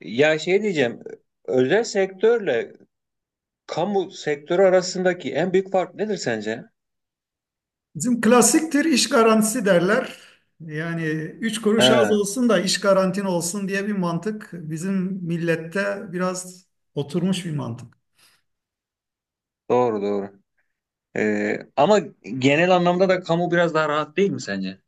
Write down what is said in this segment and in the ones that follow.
Ya şey diyeceğim, özel sektörle kamu sektörü arasındaki en büyük fark nedir sence? Bizim klasiktir iş garantisi derler. Yani üç kuruş az He, olsun da iş garantin olsun diye bir mantık bizim millette biraz oturmuş bir mantık. doğru doğru. Ama genel anlamda da kamu biraz daha rahat değil mi sence?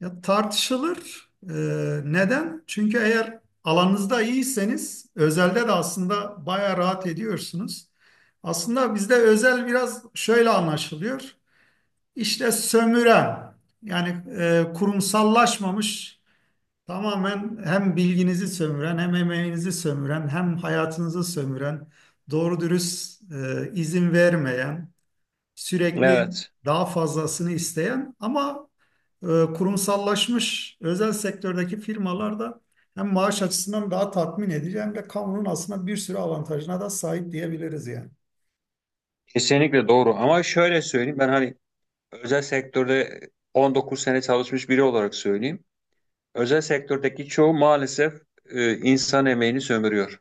Ya tartışılır. Neden? Çünkü eğer alanınızda iyiyseniz özelde de aslında bayağı rahat ediyorsunuz. Aslında bizde özel biraz şöyle anlaşılıyor. İşte sömüren yani kurumsallaşmamış. Tamamen hem bilginizi sömüren, hem emeğinizi sömüren, hem hayatınızı sömüren, doğru dürüst izin vermeyen, sürekli Evet, daha fazlasını isteyen ama e, kurumsallaşmış özel sektördeki firmalar da hem maaş açısından daha tatmin edici hem de kamunun aslında bir sürü avantajına da sahip diyebiliriz yani. kesinlikle doğru. Ama şöyle söyleyeyim, ben hani özel sektörde 19 sene çalışmış biri olarak söyleyeyim. Özel sektördeki çoğu maalesef insan emeğini sömürüyor.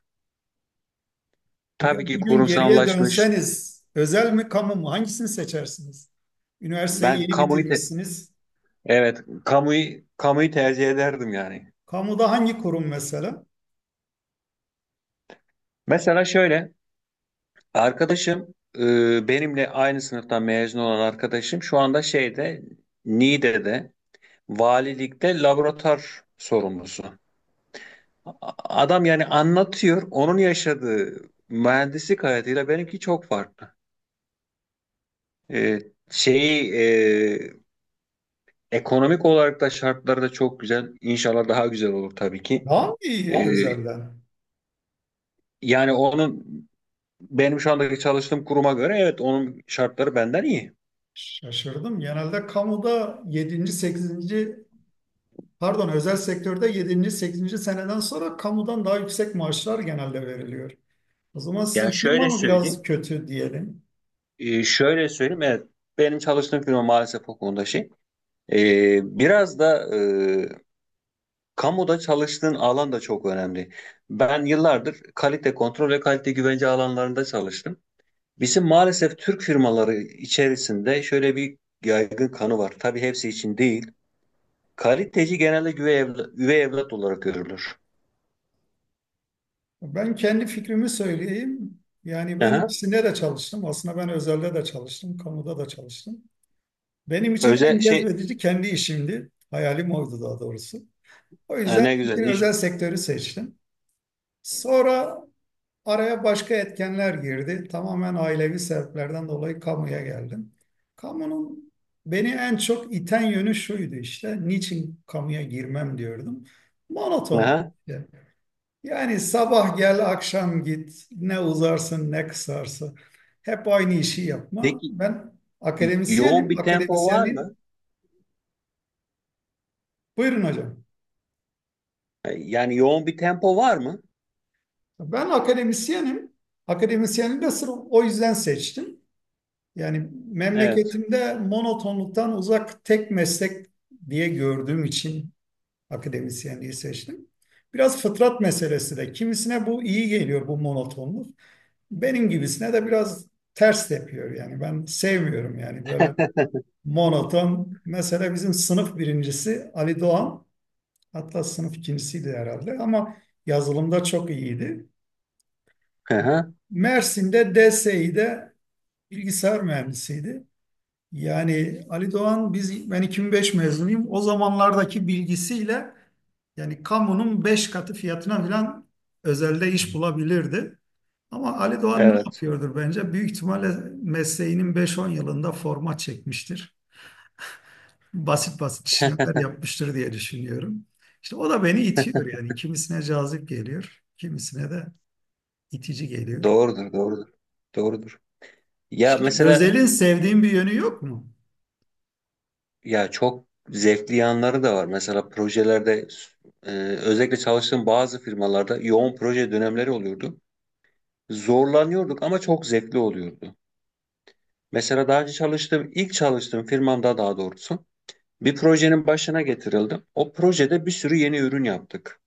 Peki Tabii ki bugün geriye kurumsallaşmış. dönseniz özel mi kamu mu hangisini seçersiniz? Üniversiteyi Ben yeni kamuyu te- bitirmişsiniz. evet, kamuyu tercih ederdim yani. Kamuda hangi kurum mesela? Mesela şöyle, arkadaşım, benimle aynı sınıftan mezun olan arkadaşım şu anda şeyde, Niğde'de valilikte laboratuvar sorumlusu. A- Adam yani anlatıyor, onun yaşadığı mühendislik hayatıyla benimki çok farklı. E, şeyi, ekonomik olarak da şartları da çok güzel. İnşallah daha güzel olur tabii ki. Daha iyi E, özelden? yani onun, benim şu andaki çalıştığım kuruma göre evet, onun şartları benden iyi. Şaşırdım. Genelde kamuda yedinci sekizinci, pardon, özel sektörde yedinci sekizinci seneden sonra kamudan daha yüksek maaşlar genelde veriliyor. O zaman Ya sizin firma şöyle mı biraz söyleyeyim. kötü diyelim? Şöyle söyleyeyim, evet, benim çalıştığım firma maalesef o konuda şey. Biraz da kamuda çalıştığın alan da çok önemli. Ben yıllardır kalite kontrol ve kalite güvence alanlarında çalıştım. Bizim maalesef Türk firmaları içerisinde şöyle bir yaygın kanı var. Tabii hepsi için değil. Kaliteci genelde üvey evlat, üvey evlat olarak görülür. Ben kendi fikrimi söyleyeyim. Yani ben Aha. ikisinde de çalıştım. Aslında ben özelde de çalıştım, kamuda da çalıştım. Benim için en Özel şey, cezbedici kendi işimdi. Hayalim oydu daha doğrusu. O ha, yüzden ne güzel ilkin iş. özel sektörü seçtim. Sonra araya başka etkenler girdi. Tamamen ailevi sebeplerden dolayı kamuya geldim. Kamunun beni en çok iten yönü şuydu işte. Niçin kamuya girmem diyordum. Monoton. Aha. Yani sabah gel, akşam git. Ne uzarsın, ne kısarsın. Hep aynı işi yapma. Peki Ben yoğun akademisyenim. bir tempo var mı? Akademisyenliğin... Buyurun hocam. Yani yoğun bir tempo var mı? Ben akademisyenim. Akademisyenliği de sırf o yüzden seçtim. Yani Evet. memleketimde monotonluktan uzak tek meslek diye gördüğüm için akademisyenliği seçtim. Biraz fıtrat meselesi de. Kimisine bu iyi geliyor, bu monotonluk. Benim gibisine de biraz ters tepiyor yani. Ben sevmiyorum yani böyle monoton. Mesela bizim sınıf birincisi Ali Doğan. Hatta sınıf ikincisiydi herhalde ama yazılımda çok iyiydi. Hı hı, Mersin'de DSİ'de bilgisayar mühendisiydi. Yani Ali Doğan, ben 2005 mezunuyum. O zamanlardaki bilgisiyle yani kamunun 5 katı fiyatına falan özelde iş bulabilirdi. Ama Ali Doğan ne evet. yapıyordur bence? Büyük ihtimalle mesleğinin 5-10 yılında format çekmiştir. Basit basit işlemler yapmıştır diye düşünüyorum. İşte o da beni itiyor yani. Kimisine cazip geliyor, kimisine de itici geliyor. Doğrudur, doğrudur. Doğrudur. Ya Hiç mesela, özelin sevdiğim bir yönü yok mu? ya çok zevkli yanları da var. Mesela projelerde, e, özellikle çalıştığım bazı firmalarda yoğun proje dönemleri oluyordu. Zorlanıyorduk ama çok zevkli oluyordu. Mesela daha önce çalıştığım, ilk çalıştığım firmamda daha doğrusu bir projenin başına getirildim. O projede bir sürü yeni ürün yaptık.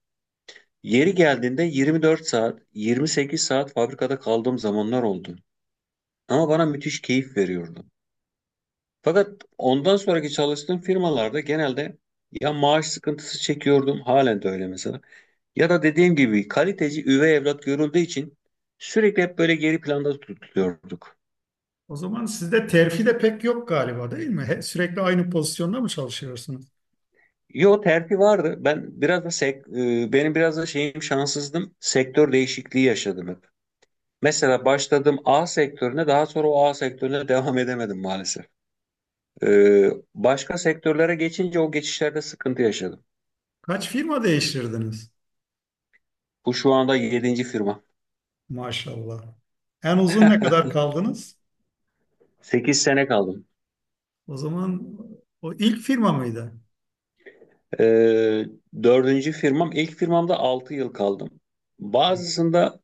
Yeri geldiğinde 24 saat, 28 saat fabrikada kaldığım zamanlar oldu. Ama bana müthiş keyif veriyordu. Fakat ondan sonraki çalıştığım firmalarda genelde ya maaş sıkıntısı çekiyordum, halen de öyle mesela. Ya da dediğim gibi kaliteci üvey evlat görüldüğü için sürekli hep böyle geri planda tutuluyorduk. O zaman sizde terfi de pek yok galiba, değil mi? Sürekli aynı pozisyonda mı çalışıyorsunuz? Yo, terfi vardı. Benim biraz da şeyim, şanssızdım. Sektör değişikliği yaşadım hep. Mesela başladım A sektörüne, daha sonra o A sektörüne devam edemedim maalesef. Ee, başka sektörlere geçince o geçişlerde sıkıntı yaşadım. Kaç firma değiştirdiniz? Bu şu anda yedinci firma. Maşallah. En uzun ne kadar kaldınız? 8 sene kaldım. O zaman o ilk firma mıydı? Ee, dördüncü firmam. İlk firmamda 6 yıl kaldım. Bazısında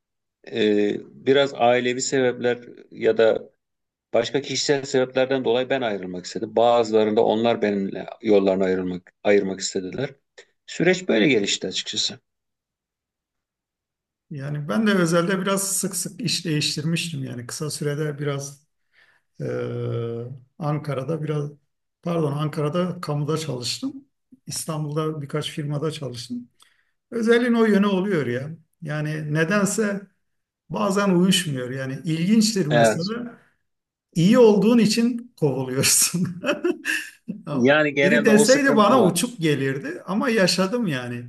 e, biraz ailevi sebepler ya da başka kişisel sebeplerden dolayı ben ayrılmak istedim. Bazılarında onlar benimle yollarını ayrılmak, ayırmak istediler. Süreç böyle gelişti açıkçası. Yani ben de özelde biraz sık sık iş değiştirmiştim. Yani kısa sürede biraz eee, Ankara'da pardon, Ankara'da kamuda çalıştım. İstanbul'da birkaç firmada çalıştım. Özelliğin o yönü oluyor ya. Yani nedense bazen uyuşmuyor yani. İlginçtir Evet. mesela, iyi olduğun için kovuluyorsun. Ya Yani biri genelde o deseydi sıkıntı bana var. uçuk gelirdi ama yaşadım yani.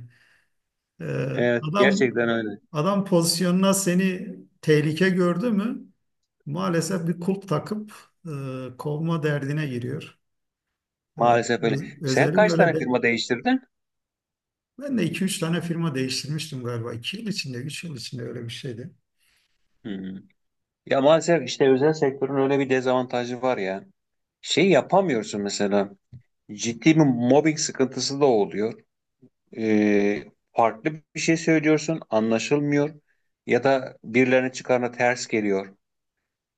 Ee, Evet, Adam, gerçekten öyle. adam pozisyonuna seni tehlike gördü mü, maalesef bir kulp takıp kovma derdine giriyor. Ee, Maalesef öyle. Sen Özelim kaç öyle tane de. firma değiştirdin? Ben de 2 3 tane firma değiştirmiştim galiba. İki yıl içinde, üç yıl içinde öyle bir şeydi. Hmm. Ya maalesef işte özel sektörün öyle bir dezavantajı var ya. Şey yapamıyorsun mesela. Ciddi bir mobbing sıkıntısı da oluyor. Ee, farklı bir şey söylüyorsun, anlaşılmıyor ya da birilerinin çıkarına ters geliyor.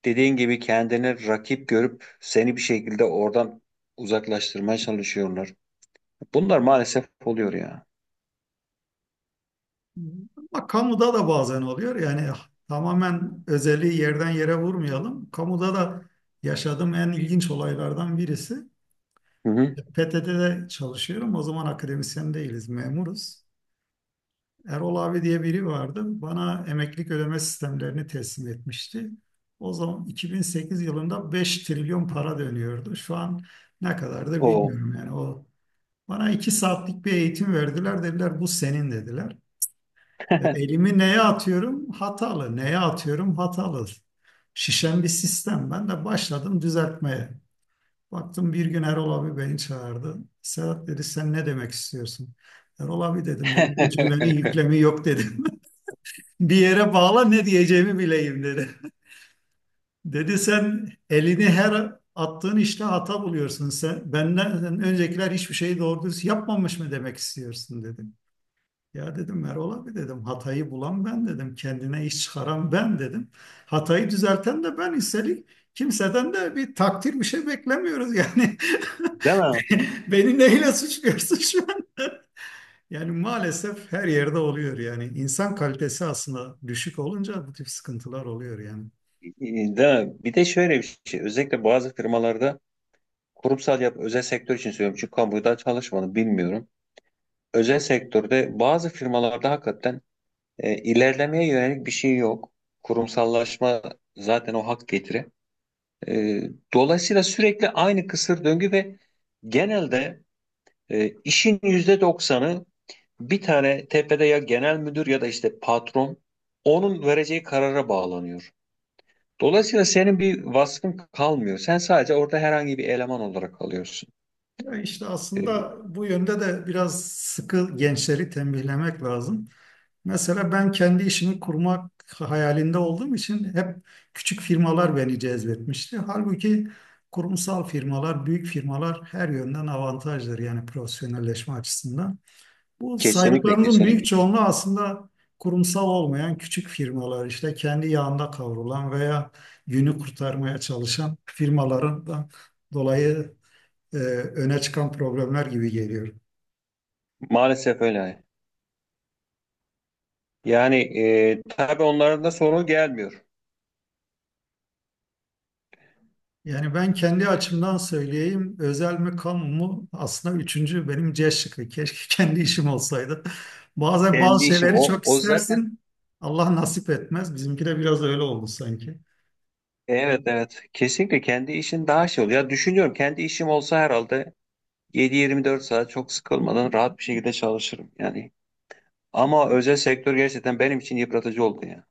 Dediğin gibi kendini rakip görüp seni bir şekilde oradan uzaklaştırmaya çalışıyorlar. Bunlar maalesef oluyor ya. Ama kamuda da bazen oluyor. Yani tamamen özeli yerden yere vurmayalım. Kamuda da yaşadığım en ilginç olaylardan birisi: Hı hı. PTT'de çalışıyorum. O zaman akademisyen değiliz, memuruz. Erol abi diye biri vardı. Bana emeklilik ödeme sistemlerini teslim etmişti. O zaman 2008 yılında 5 trilyon para dönüyordu. Şu an ne kadardır O. bilmiyorum yani o. Bana 2 saatlik bir eğitim verdiler. Dediler bu senin, dediler. Ya elimi neye atıyorum? Hatalı. Neye atıyorum? Hatalı. Şişen bir sistem. Ben de başladım düzeltmeye. Baktım bir gün Erol abi beni çağırdı. Sedat dedi, sen ne demek istiyorsun? Erol abi dedim bu cümlenin yüklemi yok dedim. Bir yere bağla, ne diyeceğimi bileyim dedi. Dedi sen elini her attığın işte hata buluyorsun. Sen benden öncekiler hiçbir şeyi doğru düz yapmamış mı demek istiyorsun dedi. Ya dedim Erol abi, dedim hatayı bulan ben dedim, kendine iş çıkaran ben dedim. Hatayı düzelten de ben, üstelik kimseden de bir takdir bir şey beklemiyoruz yani. Değil mi? Beni neyle suçluyorsun şu an? Yani maalesef her yerde oluyor yani. İnsan kalitesi aslında düşük olunca bu tip sıkıntılar oluyor yani. Değil mi? Bir de şöyle bir şey. Özellikle bazı firmalarda kurumsal yap, özel sektör için söylüyorum. Çünkü kamuda çalışmadım, bilmiyorum. Özel sektörde bazı firmalarda hakikaten, ilerlemeye yönelik bir şey yok. Kurumsallaşma zaten o hak getiri. E, dolayısıyla sürekli aynı kısır döngü ve genelde işin %90'ı bir tane tepede, ya genel müdür ya da işte patron, onun vereceği karara bağlanıyor. Dolayısıyla senin bir vasfın kalmıyor. Sen sadece orada herhangi bir eleman olarak kalıyorsun. Ya işte E, aslında bu yönde de biraz sıkı gençleri tembihlemek lazım. Mesela ben kendi işimi kurmak hayalinde olduğum için hep küçük firmalar beni cezbetmişti. Halbuki kurumsal firmalar, büyük firmalar her yönden avantajdır yani profesyonelleşme açısından. Bu kesinlikle saydıklarınızın kesinlikle. büyük çoğunluğu aslında kurumsal olmayan küçük firmalar, işte kendi yağında kavrulan veya günü kurtarmaya çalışan firmaların da dolayı e, öne çıkan problemler gibi geliyor. Maalesef öyle. Yani tabii onların da sorun gelmiyor. Yani ben kendi açımdan söyleyeyim, özel mi kamu mu, aslında üçüncü benim C şıkkı. Keşke kendi işim olsaydı. Bazen Kendi bazı işim şeyleri o, çok o zaten. istersin, Allah nasip etmez. Bizimki de biraz öyle oldu sanki. Evet evet, kesinlikle kendi işin daha şey oluyor. Ya düşünüyorum, kendi işim olsa herhalde 7-24 saat çok sıkılmadan rahat bir şekilde çalışırım yani. Ama özel sektör gerçekten benim için yıpratıcı oldu ya.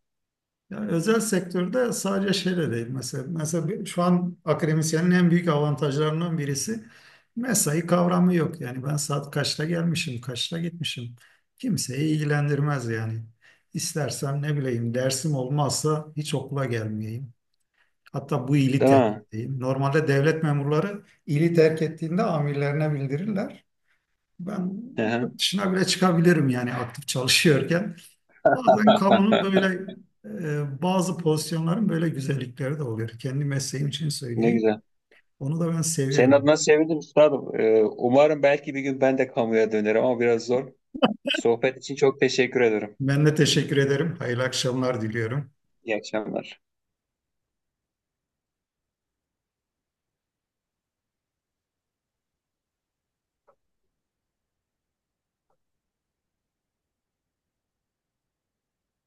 Yani özel sektörde sadece şeyle değil mesela. Şu an akademisyenin en büyük avantajlarından birisi, mesai kavramı yok. Yani ben saat kaçta gelmişim, kaçta gitmişim, kimseyi ilgilendirmez yani. İstersem ne bileyim dersim olmazsa hiç okula gelmeyeyim. Hatta bu ili Değil terk mi? edeyim. Normalde devlet memurları ili terk ettiğinde amirlerine bildirirler. Ben Hı hı. yurt dışına bile çıkabilirim yani aktif çalışıyorken. Bazen kamunun böyle, bazı pozisyonların böyle güzellikleri de oluyor. Kendi mesleğim için Ne söyleyeyim. güzel. Onu da ben Senin seviyorum. adına sevindim üstadım. Umarım belki bir gün ben de kamuya dönerim ama biraz zor. Sohbet için çok teşekkür ederim. Ben de teşekkür ederim. Hayırlı akşamlar diliyorum. İyi akşamlar.